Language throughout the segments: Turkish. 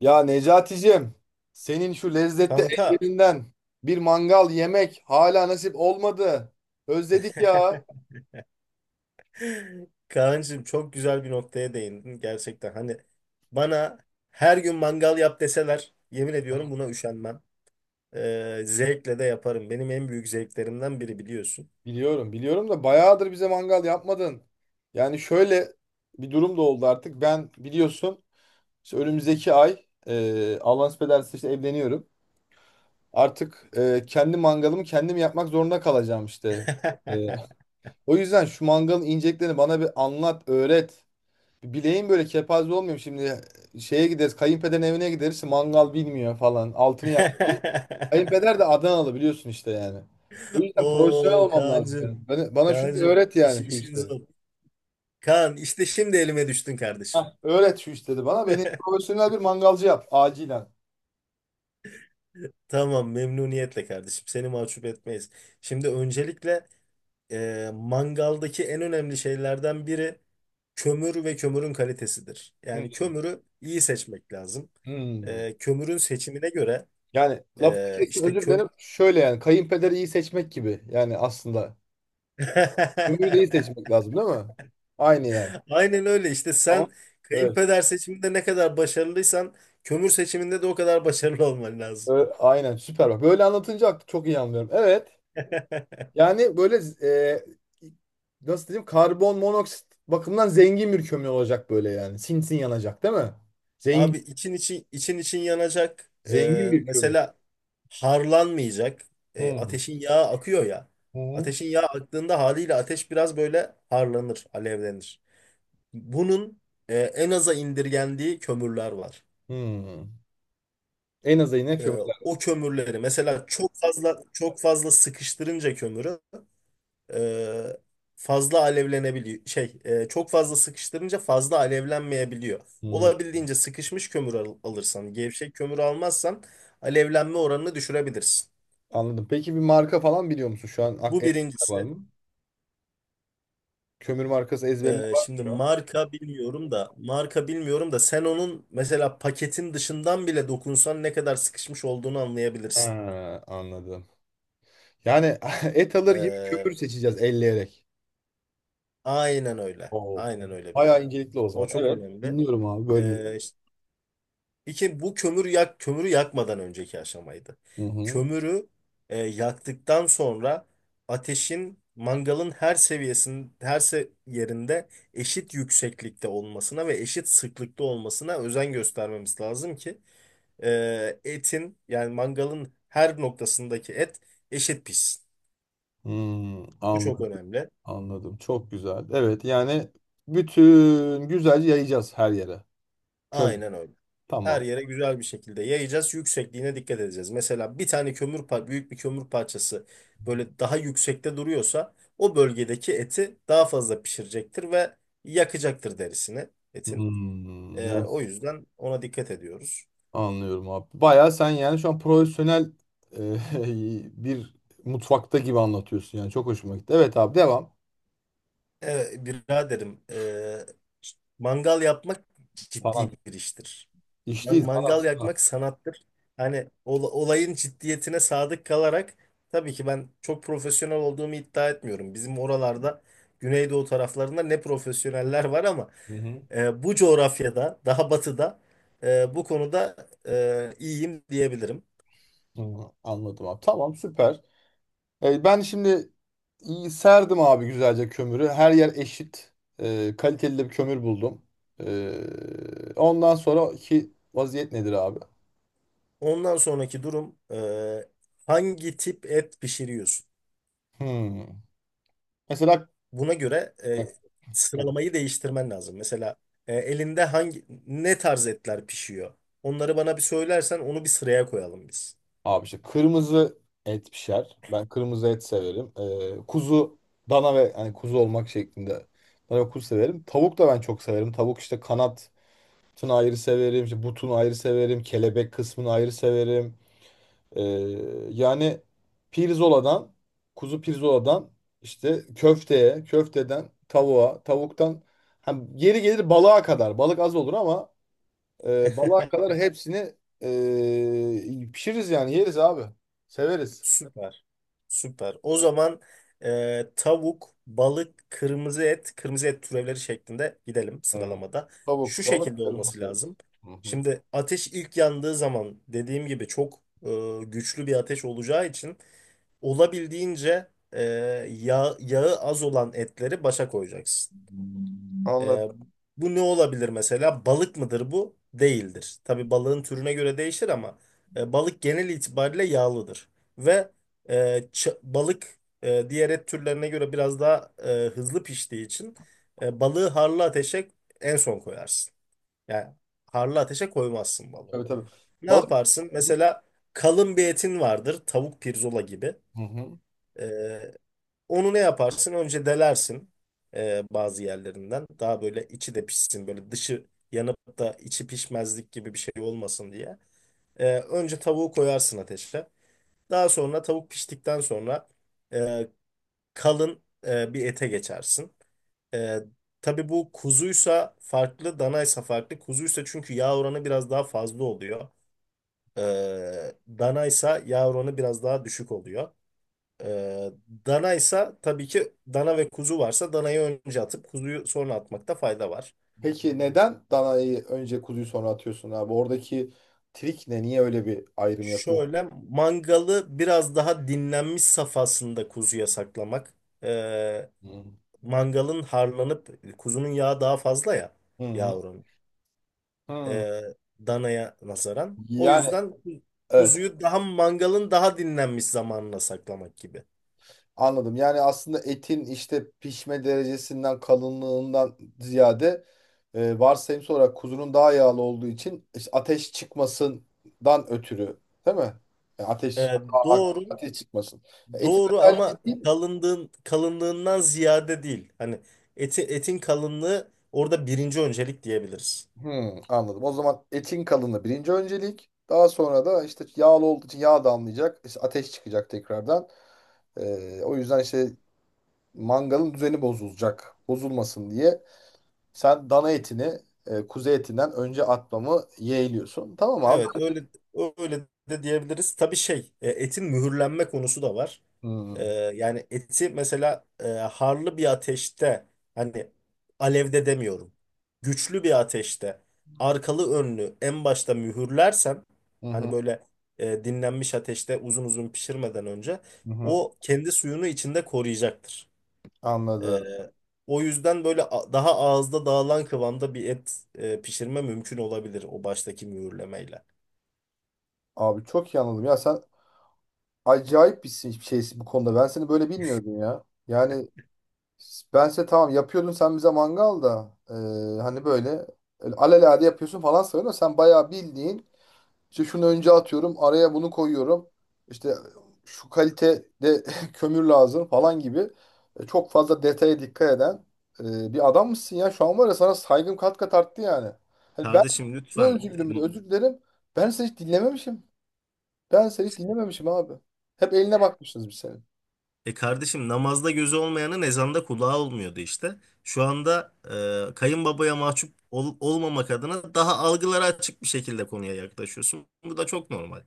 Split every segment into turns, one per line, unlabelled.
Ya Necaticim, senin şu lezzetli
Kanka,
ellerinden bir mangal yemek hala nasip olmadı. Özledik ya.
Kaan'cığım çok güzel bir noktaya değindin gerçekten. Hani bana her gün mangal yap deseler yemin ediyorum buna üşenmem. Zevkle de yaparım. Benim en büyük zevklerimden biri biliyorsun.
Biliyorum, biliyorum da bayağıdır bize mangal yapmadın. Yani şöyle bir durum da oldu artık. Ben biliyorsun işte önümüzdeki ay Allah nasip ederse işte evleniyorum. Artık kendi mangalımı kendim yapmak zorunda kalacağım işte. E, O yüzden şu mangalın inceliklerini bana bir anlat, öğret. Bileğim böyle kepaze olmuyor şimdi. Şeye gideriz. Kayınpederin evine gideriz. İşte mangal bilmiyor falan. Altını yak. Kayınpeder de Adanalı biliyorsun işte yani. O yüzden profesyonel
Oo
olmam lazım benim.
Kaan'cığım,
Bana şunu
Kaan'cığım
öğret
iş,
yani şu
işin
işleri.
zor. Kaan işte şimdi elime düştün kardeşim.
Hah, öğret şu işleri bana. Beni profesyonel bir mangalcı yap. Acilen.
Tamam memnuniyetle kardeşim. Seni mahcup etmeyiz. Şimdi öncelikle mangaldaki en önemli şeylerden biri kömür ve kömürün kalitesidir. Yani
Hmm,
kömürü iyi seçmek lazım.
hmm.
Kömürün seçimine göre
Yani lafını
e,
kestim
işte
özür
kömür...
dilerim. Şöyle yani kayınpederi iyi seçmek gibi. Yani aslında. Ömürü de iyi seçmek lazım değil mi? Aynı yani.
Aynen öyle işte
Tamam.
sen
Evet.
kayınpeder seçiminde ne kadar başarılıysan kömür seçiminde de o kadar başarılı olman lazım.
Ö- aynen süper. Bak böyle anlatınca çok iyi anlıyorum. Evet. Yani böyle e, nasıl diyeyim karbon monoksit bakımından zengin bir kömür olacak böyle yani. Sinsin yanacak değil mi?
Abi
Zengin,
için için için için yanacak.
zengin bir kömür.
Mesela harlanmayacak.
Hmm.
Ateşin yağı akıyor ya.
Hı.
Ateşin yağı aktığında haliyle ateş biraz böyle harlanır, alevlenir. Bunun en aza indirgendiği kömürler var.
Hmm. En azı yine
Ee,
kömürler.
O kömürleri mesela çok fazla sıkıştırınca kömürü e, fazla alevlenebiliyor. Çok fazla sıkıştırınca fazla alevlenmeyebiliyor.
Hmm.
Olabildiğince sıkışmış kömür alırsan, gevşek kömür almazsan alevlenme oranını düşürebilirsin.
Anladım. Peki bir marka falan biliyor musun şu an? Ak
Bu
ezberinde var
birincisi.
mı? Kömür markası ezberinde var mı
Şimdi
şu an?
marka bilmiyorum da, marka bilmiyorum da, sen onun mesela paketin dışından bile dokunsan ne kadar sıkışmış olduğunu anlayabilirsin.
Ha, anladım. Yani et alır gibi
E,
kömür seçeceğiz elleyerek.
aynen öyle.
Oo,
Aynen
tamam.
öyle biraz.
Bayağı incelikli o
O
zaman.
çok
Evet.
önemli.
Dinliyorum abi bölmeyeyim.
E, İki, bu kömürü yakmadan önceki aşamaydı.
Hı hı.
Kömürü yaktıktan sonra ateşin mangalın her seviyesinin her yerinde eşit yükseklikte olmasına ve eşit sıklıkta olmasına özen göstermemiz lazım ki etin yani mangalın her noktasındaki et eşit pişsin.
Hmm,
Bu çok
anladım.
önemli.
Anladım. Çok güzel. Evet yani bütün güzelce yayacağız her yere. Kömür.
Aynen öyle. Her
Tamam.
yere güzel bir şekilde yayacağız. Yüksekliğine dikkat edeceğiz. Mesela bir tane büyük bir kömür parçası böyle daha yüksekte duruyorsa o bölgedeki eti daha fazla pişirecektir ve yakacaktır derisini etin.
Hmm, ya-
O yüzden ona dikkat ediyoruz.
anlıyorum abi. Baya sen yani şu an profesyonel e, bir mutfakta gibi anlatıyorsun yani. Çok hoşuma gitti. Evet abi devam.
Biraderim, mangal yapmak ciddi
Falan.
bir iştir.
İşteyiz. Sanat.
Mangal yakmak
Sanat.
sanattır. Hani olayın ciddiyetine sadık kalarak tabii ki ben çok profesyonel olduğumu iddia etmiyorum. Bizim oralarda Güneydoğu taraflarında ne profesyoneller var ama
Hı hı.
bu coğrafyada daha batıda bu konuda iyiyim diyebilirim.
Hı, anladım abi. Tamam süper. Ben şimdi iyi serdim abi güzelce kömürü. Her yer eşit. Kaliteli de bir kömür buldum. Ondan sonraki vaziyet nedir abi?
Ondan sonraki durum hangi tip et pişiriyorsun?
Hmm. Mesela
Buna göre sıralamayı değiştirmen lazım. Mesela elinde ne tarz etler pişiyor? Onları bana bir söylersen onu bir sıraya koyalım biz.
abi işte kırmızı et pişer. Ben kırmızı et severim. Kuzu, dana ve yani kuzu olmak şeklinde. Dana ve kuzu severim. Tavuk da ben çok severim. Tavuk işte kanatını ayrı severim. İşte butunu ayrı severim. Kelebek kısmını ayrı severim. Ee, Yani pirzoladan, kuzu pirzoladan işte köfteye, köfteden tavuğa, tavuktan hani geri gelir balığa kadar. Balık az olur ama balığa kadar hepsini pişiririz yani yeriz abi. Severiz.
Süper, süper. O zaman tavuk, balık, kırmızı et, kırmızı et türevleri şeklinde gidelim
Hı.
sıralamada. Şu
Tavuk, balık,
şekilde olması
kırmızı et.
lazım.
Hı hı.
Şimdi ateş ilk yandığı zaman dediğim gibi çok güçlü bir ateş olacağı için olabildiğince e, yağı az olan etleri başa koyacaksın.
Anladım.
Ee, Bu ne olabilir mesela? Balık mıdır bu? Değildir. Tabii balığın türüne göre değişir ama balık genel itibariyle yağlıdır. Ve e, balık diğer et türlerine göre biraz daha hızlı piştiği için balığı harlı ateşe en son koyarsın. Yani harlı ateşe koymazsın balığı.
Tabii tabii.
Ne
Balık.
yaparsın? Mesela kalın bir etin vardır. Tavuk pirzola gibi.
Hı hı.
Onu ne yaparsın? Önce delersin bazı yerlerinden. Daha böyle içi de pişsin. Böyle dışı yanıp da içi pişmezlik gibi bir şey olmasın diye. Önce tavuğu koyarsın ateşe. Daha sonra tavuk piştikten sonra e, kalın bir ete geçersin. E, tabii bu kuzuysa farklı, danaysa farklı. Kuzuysa çünkü yağ oranı biraz daha fazla oluyor. E, Danaysa yağ oranı biraz daha düşük oluyor. Ee, Dana ise tabii ki dana ve kuzu varsa danayı önce atıp kuzuyu sonra atmakta fayda var.
Peki neden danayı önce kuzuyu sonra atıyorsun abi? Oradaki trik ne? Niye öyle bir ayrım yapıyorsun?
Şöyle mangalı biraz daha dinlenmiş safhasında kuzuya saklamak. Ee,
Hı
Mangalın harlanıp kuzunun yağı daha fazla ya
hı.
yavrum
Hı.
ee, danaya nazaran. O
Yani
yüzden
evet
kuzuyu daha mangalın daha dinlenmiş zamanına saklamak gibi.
anladım. Yani aslında etin işte pişme derecesinden kalınlığından ziyade varsayımsal olarak kuzunun daha yağlı olduğu için işte ateş çıkmasından ötürü değil mi? Yani ateş
Ee,
a- a-
doğru.
ateş çıkmasın. Etin
Doğru
özelliği
ama
değil.
kalınlığından ziyade değil. Hani etin kalınlığı orada birinci öncelik diyebiliriz.
Hmm, anladım. O zaman etin kalınlığı birinci öncelik. Daha sonra da işte yağlı olduğu için yağ damlayacak. İşte ateş çıkacak tekrardan. O yüzden işte mangalın düzeni bozulacak. Bozulmasın diye. Sen dana etini kuzu etinden önce atmamı yeğliyorsun. Tamam abi.
Evet öyle de diyebiliriz. Tabii etin mühürlenme konusu da var.
Hmm.
Yani eti mesela harlı bir ateşte hani alevde demiyorum. Güçlü bir ateşte arkalı önlü en başta mühürlersen
Hı
hani
hı,
böyle dinlenmiş ateşte uzun uzun pişirmeden önce
hı hı.
o kendi suyunu içinde koruyacaktır.
Anladım.
Ee, O yüzden böyle daha ağızda dağılan kıvamda bir et pişirme mümkün olabilir o baştaki mühürlemeyle.
Abi çok iyi anladım. Ya sen acayip bir şey- şeysin bu konuda. Ben seni böyle bilmiyordum ya. Yani bense tamam yapıyordun sen bize mangal da hani böyle öyle alelade yapıyorsun falan sanıyorum. Sen bayağı bildiğin İşte şunu önce atıyorum, araya bunu koyuyorum. İşte şu kalitede kömür lazım falan gibi. Çok fazla detaya dikkat eden bir adam mısın ya? Şu an var ya sana saygım kat kat arttı yani. Hani ben
Kardeşim
ne
lütfen.
özür bile özür dilerim. Ben seni hiç dinlememişim. Ben seni hiç dinlememişim abi. Hep eline bakmışsınız bir senin.
E kardeşim namazda gözü olmayanın ezanda kulağı olmuyordu işte. Şu anda kayınbabaya olmamak adına daha algılara açık bir şekilde konuya yaklaşıyorsun. Bu da çok normal.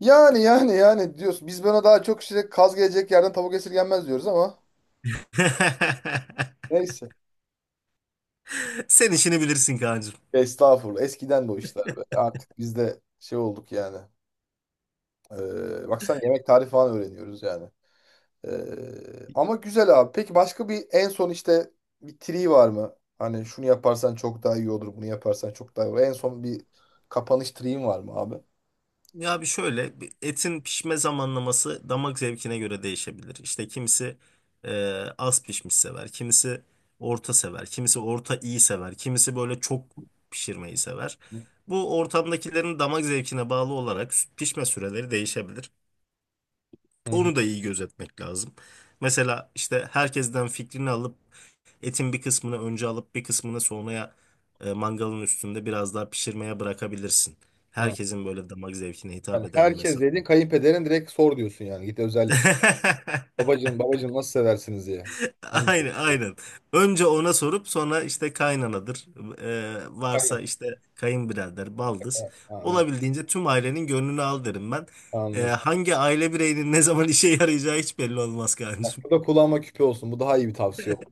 Yani diyorsun. Biz buna daha çok işte kaz gelecek yerden tavuk esirgenmez diyoruz ama neyse.
Sen işini bilirsin Kaan'cığım.
Estağfurullah. Eskiden bu işler be. Artık biz de şey olduk yani. Bak sen yemek tarifi falan öğreniyoruz yani. Ama güzel abi. Peki başka bir en son işte bir tri var mı? Hani şunu yaparsan çok daha iyi olur, bunu yaparsan çok daha iyi olur. En son bir kapanış triğin var mı abi?
Ya şöyle bir etin pişme zamanlaması damak zevkine göre değişebilir. İşte kimisi e, az pişmiş sever, kimisi orta sever, kimisi orta iyi sever, kimisi böyle çok pişirmeyi sever. Bu ortamdakilerin damak zevkine bağlı olarak pişme süreleri değişebilir.
Hı hı.
Onu da iyi gözetmek lazım. Mesela işte herkesten fikrini alıp etin bir kısmını önce alıp bir kısmını sonraya mangalın üstünde biraz daha pişirmeye bırakabilirsin.
Ha.
Herkesin böyle damak zevkine hitap
Yani
edebilmesi
herkes dedin
adına.
kayınpederin direkt sor diyorsun yani git özellik. Babacığım babacığım nasıl seversiniz diye. Onu
Aynen,
diyorsun.
aynen. Önce ona sorup sonra işte kaynanadır. Varsa
Kayın.
işte kayınbirader, baldız.
Evet, anladım.
Olabildiğince tüm ailenin gönlünü al derim ben.
Anladım.
Hangi aile bireyinin ne zaman işe yarayacağı hiç belli olmaz
Bak,
kancım.
bu da kulağıma küpe olsun. Bu daha iyi bir tavsiye oldu.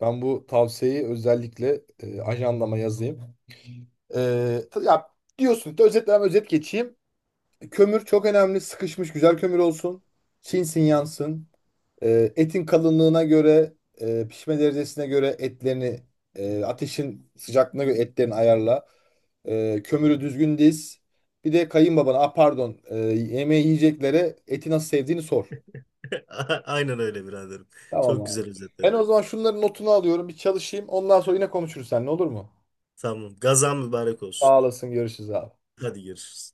Ben bu tavsiyeyi özellikle ajandama yazayım. Ya diyorsun ki özetle ben özet geçeyim. Kömür çok önemli. Sıkışmış güzel kömür olsun. Çinsin yansın. Etin kalınlığına göre, pişme derecesine göre etlerini, ateşin sıcaklığına göre etlerini ayarla. Kömürü düzgün diz. Bir de kayınbabana, ah pardon, yemeği yiyeceklere eti nasıl sevdiğini sor.
Aynen öyle biraderim.
Tamam
Çok
abi.
güzel
Ben
özetledin.
o zaman şunların notunu alıyorum. Bir çalışayım. Ondan sonra yine konuşuruz seninle olur mu?
Tamam. Gazan mübarek olsun.
Sağ olasın. Görüşürüz abi.
Hadi görüşürüz.